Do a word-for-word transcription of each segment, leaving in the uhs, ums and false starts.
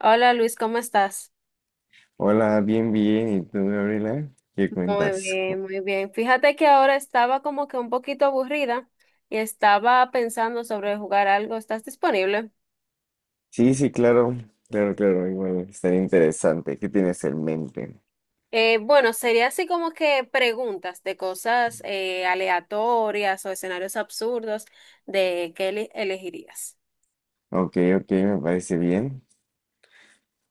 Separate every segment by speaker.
Speaker 1: Hola Luis, ¿cómo estás?
Speaker 2: Hola, bien, bien. ¿Y tú, Gabriela? ¿Qué
Speaker 1: Muy
Speaker 2: cuentas?
Speaker 1: bien, muy bien. Fíjate que ahora estaba como que un poquito aburrida y estaba pensando sobre jugar algo. ¿Estás disponible?
Speaker 2: Sí, sí, claro, claro, claro. Igual estaría interesante. ¿Qué tienes en mente?
Speaker 1: Eh, bueno, sería así como que preguntas de cosas eh, aleatorias o escenarios absurdos de qué eli- elegirías.
Speaker 2: Ok, ok, me parece bien.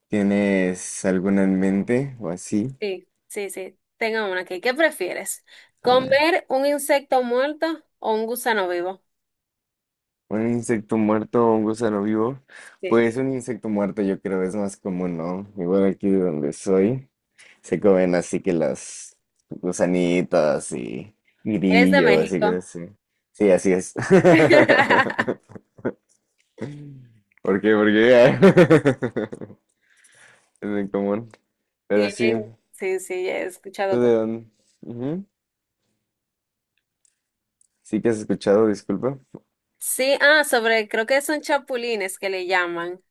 Speaker 2: ¿Tienes alguna en mente o así?
Speaker 1: Sí, sí, sí. Tengo una aquí. ¿Qué prefieres?
Speaker 2: A ver.
Speaker 1: ¿Comer un insecto muerto o un gusano vivo?
Speaker 2: ¿Un insecto muerto o un gusano vivo?
Speaker 1: Sí.
Speaker 2: Pues un insecto muerto yo creo es más común, ¿no? Igual aquí de donde soy se comen así que las gusanitas y
Speaker 1: ¿Eres de
Speaker 2: grillos y
Speaker 1: México?
Speaker 2: cosas así. Sí, así es. ¿Por qué? ¿Por qué? Es muy común. Pero sí,
Speaker 1: Tienen, sí, sí, he
Speaker 2: ¿tú de
Speaker 1: escuchado.
Speaker 2: dónde? Ujú. Sí que has escuchado, disculpa.
Speaker 1: Sí, ah, sobre, creo que son chapulines que le llaman.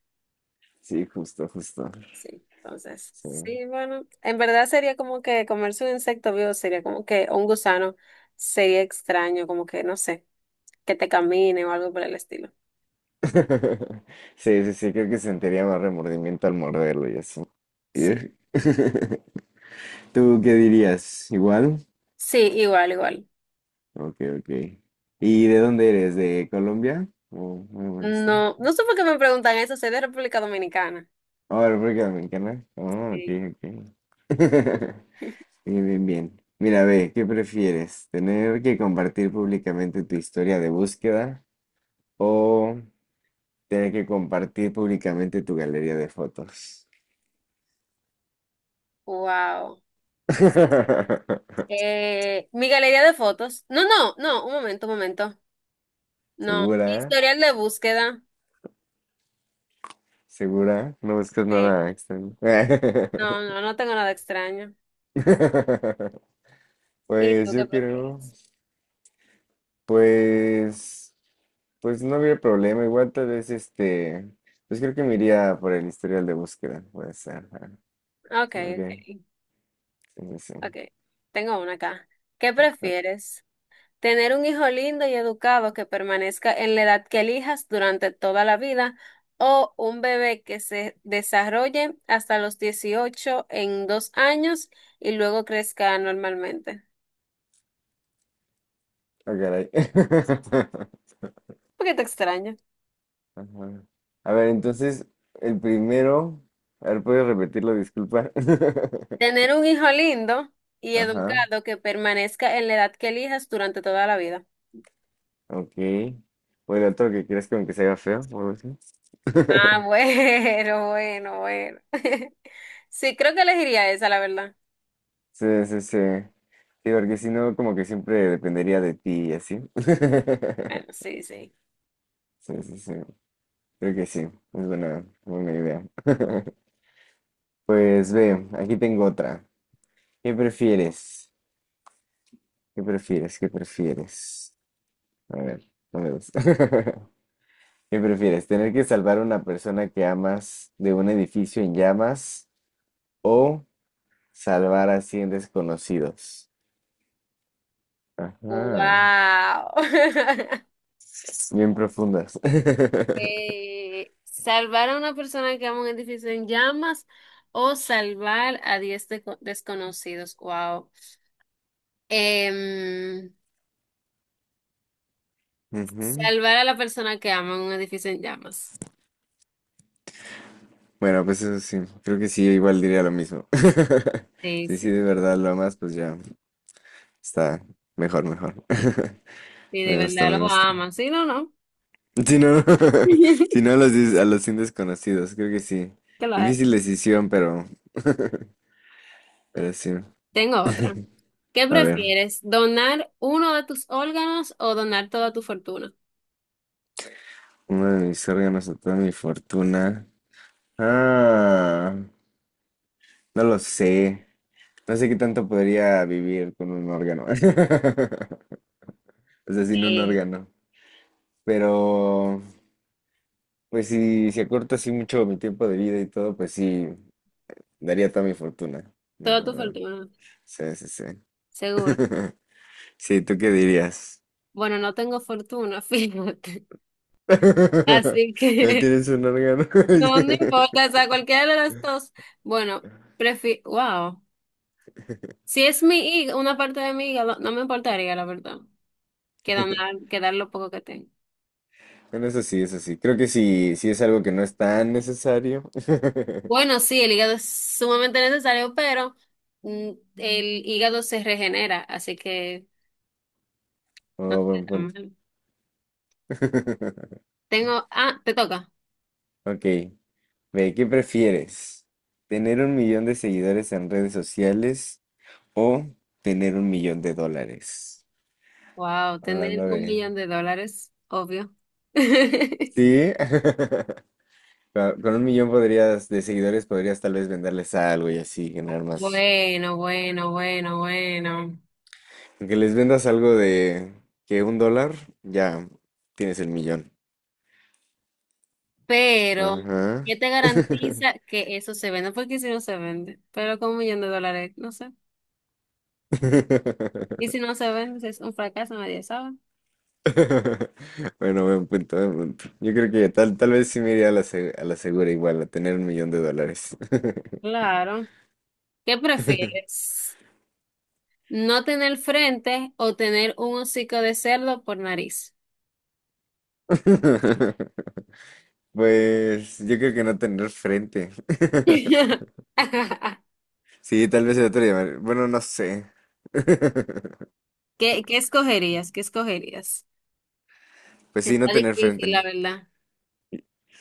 Speaker 2: Sí, justo, justo.
Speaker 1: Sí, entonces,
Speaker 2: Sí.
Speaker 1: sí, bueno, en verdad sería como que comerse un insecto vivo, sería como que o un gusano, sería extraño, como que, no sé, que te camine o algo por el estilo.
Speaker 2: Sí, sí, sí, creo que sentiría más remordimiento al morderlo y así.
Speaker 1: Sí,
Speaker 2: Ugh. ¿Tú qué dirías? ¿Igual?
Speaker 1: sí, igual, igual.
Speaker 2: Ok, ok. ¿Y de dónde eres? ¿De Colombia? ¿O algo por el estilo?
Speaker 1: No, no sé por qué me preguntan eso, soy de República Dominicana.
Speaker 2: Oh, ¿República Dominicana? Oh, ok,
Speaker 1: Sí.
Speaker 2: ok. Bien, bien, bien. Mira, ve, ¿qué prefieres? ¿Tener que compartir públicamente tu historia de búsqueda o tener que compartir públicamente tu galería de fotos?
Speaker 1: Wow. Eh, mi galería de fotos. No, no, no, un momento, un momento. No,
Speaker 2: ¿Segura?
Speaker 1: historial de búsqueda.
Speaker 2: ¿Segura? No buscas
Speaker 1: Sí.
Speaker 2: nada extraño.
Speaker 1: No, no, no tengo nada extraño. ¿Y
Speaker 2: Pues
Speaker 1: tú qué
Speaker 2: yo creo,
Speaker 1: prefieres?
Speaker 2: pues, pues no habría problema. Igual tal vez este, pues creo que me iría por el historial de búsqueda. Puede ser. Ajá.
Speaker 1: Ok,
Speaker 2: Ok,
Speaker 1: ok,
Speaker 2: sí, sí,
Speaker 1: ok.
Speaker 2: sí.
Speaker 1: Tengo una acá. ¿Qué prefieres? ¿Tener un hijo lindo y educado que permanezca en la edad que elijas durante toda la vida o un bebé que se desarrolle hasta los dieciocho en dos años y luego crezca normalmente?
Speaker 2: Ah, caray.
Speaker 1: Un te extraño.
Speaker 2: Ajá. A ver, entonces, el primero. A ver, ¿puedes repetirlo? Disculpa.
Speaker 1: Tener un hijo lindo y
Speaker 2: Ajá,
Speaker 1: educado que permanezca en la edad que elijas durante toda la vida.
Speaker 2: ok. O el otro que quieres como que se haga feo o algo así.
Speaker 1: Ah, bueno, bueno, bueno. Sí, creo que elegiría esa, la verdad.
Speaker 2: Sí, sí, sí. Sí, porque si no, como que siempre dependería de ti y así.
Speaker 1: Bueno, sí, sí.
Speaker 2: Sí, sí, sí. Creo que sí. Es buena, buena idea. Pues ve, aquí tengo otra. ¿Qué prefieres? ¿Qué prefieres? ¿Qué prefieres? A ver, no me gusta. ¿Qué prefieres? ¿Tener que salvar a una persona que amas de un edificio en llamas o salvar a cien desconocidos? Ajá,
Speaker 1: Wow.
Speaker 2: bien profundas.
Speaker 1: Eh, ¿salvar a una persona que ama un edificio en llamas o salvar a diez deco- desconocidos? Wow. Em,
Speaker 2: Ujú.
Speaker 1: salvar a la persona que ama un edificio en llamas.
Speaker 2: Bueno, pues eso sí, creo que sí, yo igual diría lo mismo.
Speaker 1: Sí,
Speaker 2: Sí, sí,
Speaker 1: sí.
Speaker 2: de verdad lo amas, pues ya está mejor, mejor.
Speaker 1: Y de
Speaker 2: Me gusta,
Speaker 1: verdad
Speaker 2: me
Speaker 1: lo
Speaker 2: gusta.
Speaker 1: ama. Sí, no, no.
Speaker 2: Si no, si no a los, dis- a los cien desconocidos, creo que sí.
Speaker 1: Claro.
Speaker 2: Difícil decisión, pero, pero sí.
Speaker 1: Tengo otra. ¿Qué
Speaker 2: A ver,
Speaker 1: prefieres? ¿Donar uno de tus órganos o donar toda tu fortuna?
Speaker 2: uno de mis órganos o toda mi fortuna. Ah, no lo sé. No sé qué tanto podría vivir con un órgano. O sea, sin un
Speaker 1: Eh,
Speaker 2: órgano. Pero, pues si, si acorto así mucho mi tiempo de vida y todo, pues sí, daría toda mi fortuna.
Speaker 1: Toda tu
Speaker 2: La
Speaker 1: fortuna,
Speaker 2: Sí, sí, sí.
Speaker 1: seguro.
Speaker 2: Sí, ¿tú qué dirías?
Speaker 1: Bueno, no tengo fortuna, fíjate. Así
Speaker 2: ¿No
Speaker 1: que
Speaker 2: tienes un órgano?
Speaker 1: no, no importa, o sea, cualquiera de las dos. Bueno, prefi wow. Si es mi hígado, una parte de mi hígado, no me importaría, la verdad, que donar, que dar lo poco que tengo.
Speaker 2: Bueno, eso sí, eso sí. Creo que sí, sí es algo que no es tan necesario.
Speaker 1: Bueno, sí, el hígado es sumamente necesario, pero mm, el hígado se regenera, así que no
Speaker 2: Oh, buen
Speaker 1: está tan
Speaker 2: punto.
Speaker 1: mal. Tengo, ah, te toca.
Speaker 2: Ok, ve, ¿qué prefieres? ¿Tener un millón de seguidores en redes sociales o tener un millón de dólares?
Speaker 1: Wow, tener
Speaker 2: Hablando
Speaker 1: un
Speaker 2: de.
Speaker 1: millón de dólares, obvio.
Speaker 2: Sí, con con un millón podrías, de seguidores podrías tal vez venderles algo y así ganar más.
Speaker 1: Bueno, bueno, bueno, bueno.
Speaker 2: Aunque les vendas algo de que un dólar, ya tienes el millón.
Speaker 1: Pero,
Speaker 2: Ajá.
Speaker 1: ¿qué te garantiza que eso se venda? Porque si no se vende, pero con un millón de dólares, no sé. Y si no se vende, si es un fracaso, nadie sabe.
Speaker 2: Bueno, buen punto, buen punto. Yo creo que tal, tal vez sí me iría a la, se- a la segura igual, a tener un millón de dólares.
Speaker 1: Claro. ¿Qué prefieres? ¿No tener frente o tener un hocico de cerdo por nariz?
Speaker 2: Pues yo creo que no tener frente.
Speaker 1: ¿Qué,
Speaker 2: Sí, tal vez el otro día. Bueno, no sé.
Speaker 1: qué escogerías? ¿Qué escogerías?
Speaker 2: Pues sí, no
Speaker 1: Está
Speaker 2: tener
Speaker 1: difícil, la
Speaker 2: frente.
Speaker 1: verdad.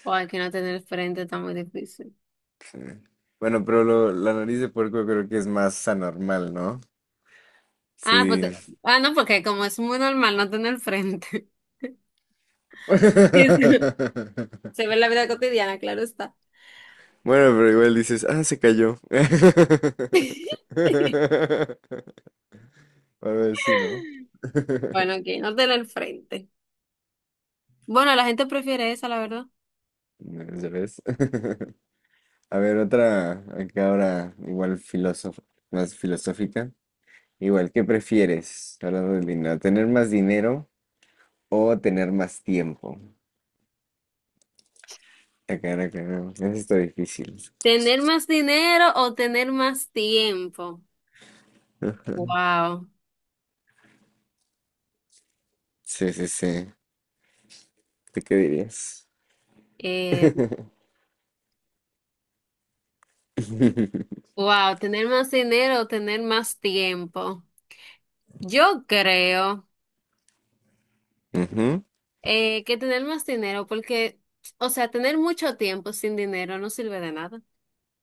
Speaker 1: O hay que no tener frente está muy difícil.
Speaker 2: Bueno, pero lo- la nariz de puerco creo que es más anormal, ¿no?
Speaker 1: Ah, pues,
Speaker 2: Sí.
Speaker 1: te- ah, no, porque como es muy normal no tener frente. Eso se ve en la vida cotidiana, claro está.
Speaker 2: Bueno, pero igual dices, ah, se cayó. A ver, sí, ¿no?
Speaker 1: Bueno, aquí no tener frente. Bueno, la gente prefiere esa, la verdad.
Speaker 2: Ya ves. A ver, otra, acá ahora igual filósofa, más filosófica. Igual, ¿qué prefieres hablando del dinero? ¿Tener más dinero o tener más tiempo? Acá, acá, no, eso está difícil.
Speaker 1: ¿Tener más dinero o tener más tiempo?
Speaker 2: Ah,
Speaker 1: Wow.
Speaker 2: sí, sí, sí. ¿Tú qué dirías?
Speaker 1: Eh, wow, tener más dinero o tener más tiempo. Yo creo
Speaker 2: Ujú.
Speaker 1: eh, que tener más dinero, porque, o sea, tener mucho tiempo sin dinero no sirve de nada.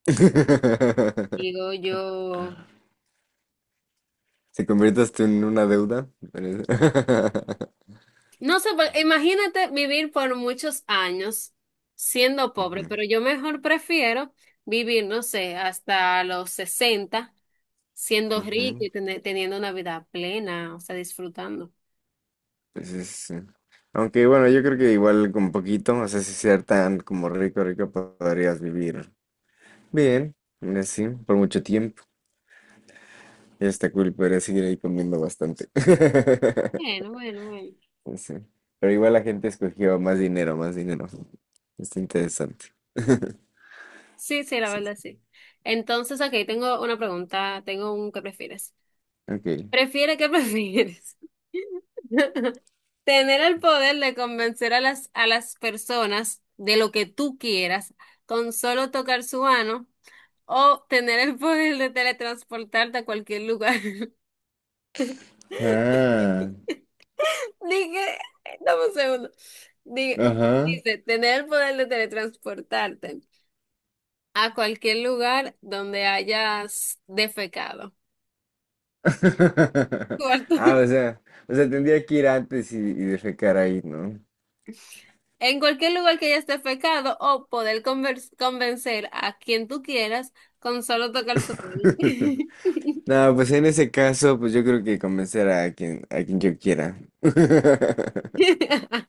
Speaker 1: Digo yo,
Speaker 2: Se conviertas tú en una deuda. pero-
Speaker 1: no sé, pues, imagínate vivir por muchos años siendo
Speaker 2: Ujú,
Speaker 1: pobre, pero yo mejor prefiero vivir, no sé, hasta los sesenta siendo rico
Speaker 2: ujú.
Speaker 1: y tener- teniendo una vida plena, o sea, disfrutando.
Speaker 2: Pues es, eh, aunque bueno, yo creo que igual con poquito, o sea, si ser tan como rico, rico, podrías vivir bien, así, por mucho tiempo. Ya está cool, podrías seguir ahí comiendo bastante.
Speaker 1: Bueno, bueno, bueno.
Speaker 2: Pues sí. Pero igual la gente escogió más dinero, más dinero. Está interesante.
Speaker 1: Sí, sí, la
Speaker 2: Sí,
Speaker 1: verdad sí. Entonces, aquí tengo una pregunta, tengo un ¿qué prefieres?
Speaker 2: ok.
Speaker 1: ¿Prefiere qué prefieres? Tener el poder de convencer a las, a las personas de lo que tú quieras con solo tocar su mano o tener el poder de teletransportarte a cualquier lugar.
Speaker 2: Ah,
Speaker 1: Dije, dame un segundo. Dije,
Speaker 2: ajá.
Speaker 1: dice, tener el poder de teletransportarte a cualquier lugar donde hayas defecado.
Speaker 2: Ah,
Speaker 1: Cuarto,
Speaker 2: o sea, o sea, tendría que ir antes y, y defecar ahí, ¿no?
Speaker 1: en cualquier lugar que hayas defecado o poder convers- convencer a quien tú quieras con solo tocar su mano.
Speaker 2: No, pues en ese caso, pues yo creo que convencer a quien, a quien, yo quiera.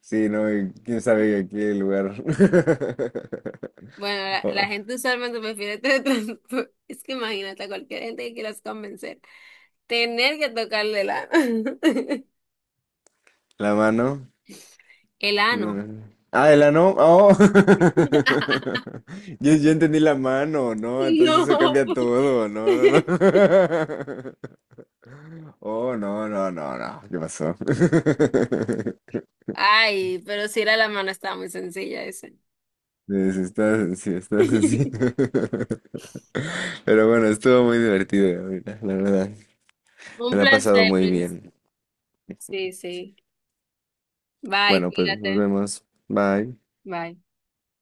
Speaker 2: Sí, no, y quién sabe aquí el lugar.
Speaker 1: Bueno, la, la
Speaker 2: Oh,
Speaker 1: gente usualmente prefiere teletransportar. Es que imagínate a cualquier gente que quieras convencer, tener que tocarle el ano.
Speaker 2: la mano.
Speaker 1: El ano.
Speaker 2: Ah, de la ano. Oh. Yo, yo entendí la mano, ¿no? Entonces eso
Speaker 1: No.
Speaker 2: cambia todo, no, no, no. Oh, no, no, no, no. ¿Qué pasó?
Speaker 1: Ay, pero si era la mano, estaba muy sencilla ese.
Speaker 2: Sí, sí, estás así, estás así. Pero bueno, estuvo muy divertido, Gabriela, la verdad.
Speaker 1: Un
Speaker 2: Me la he pasado
Speaker 1: placer,
Speaker 2: muy
Speaker 1: Luis.
Speaker 2: bien.
Speaker 1: Sí, sí. Bye,
Speaker 2: Bueno, pues nos
Speaker 1: cuídate.
Speaker 2: vemos. Bye.
Speaker 1: Bye.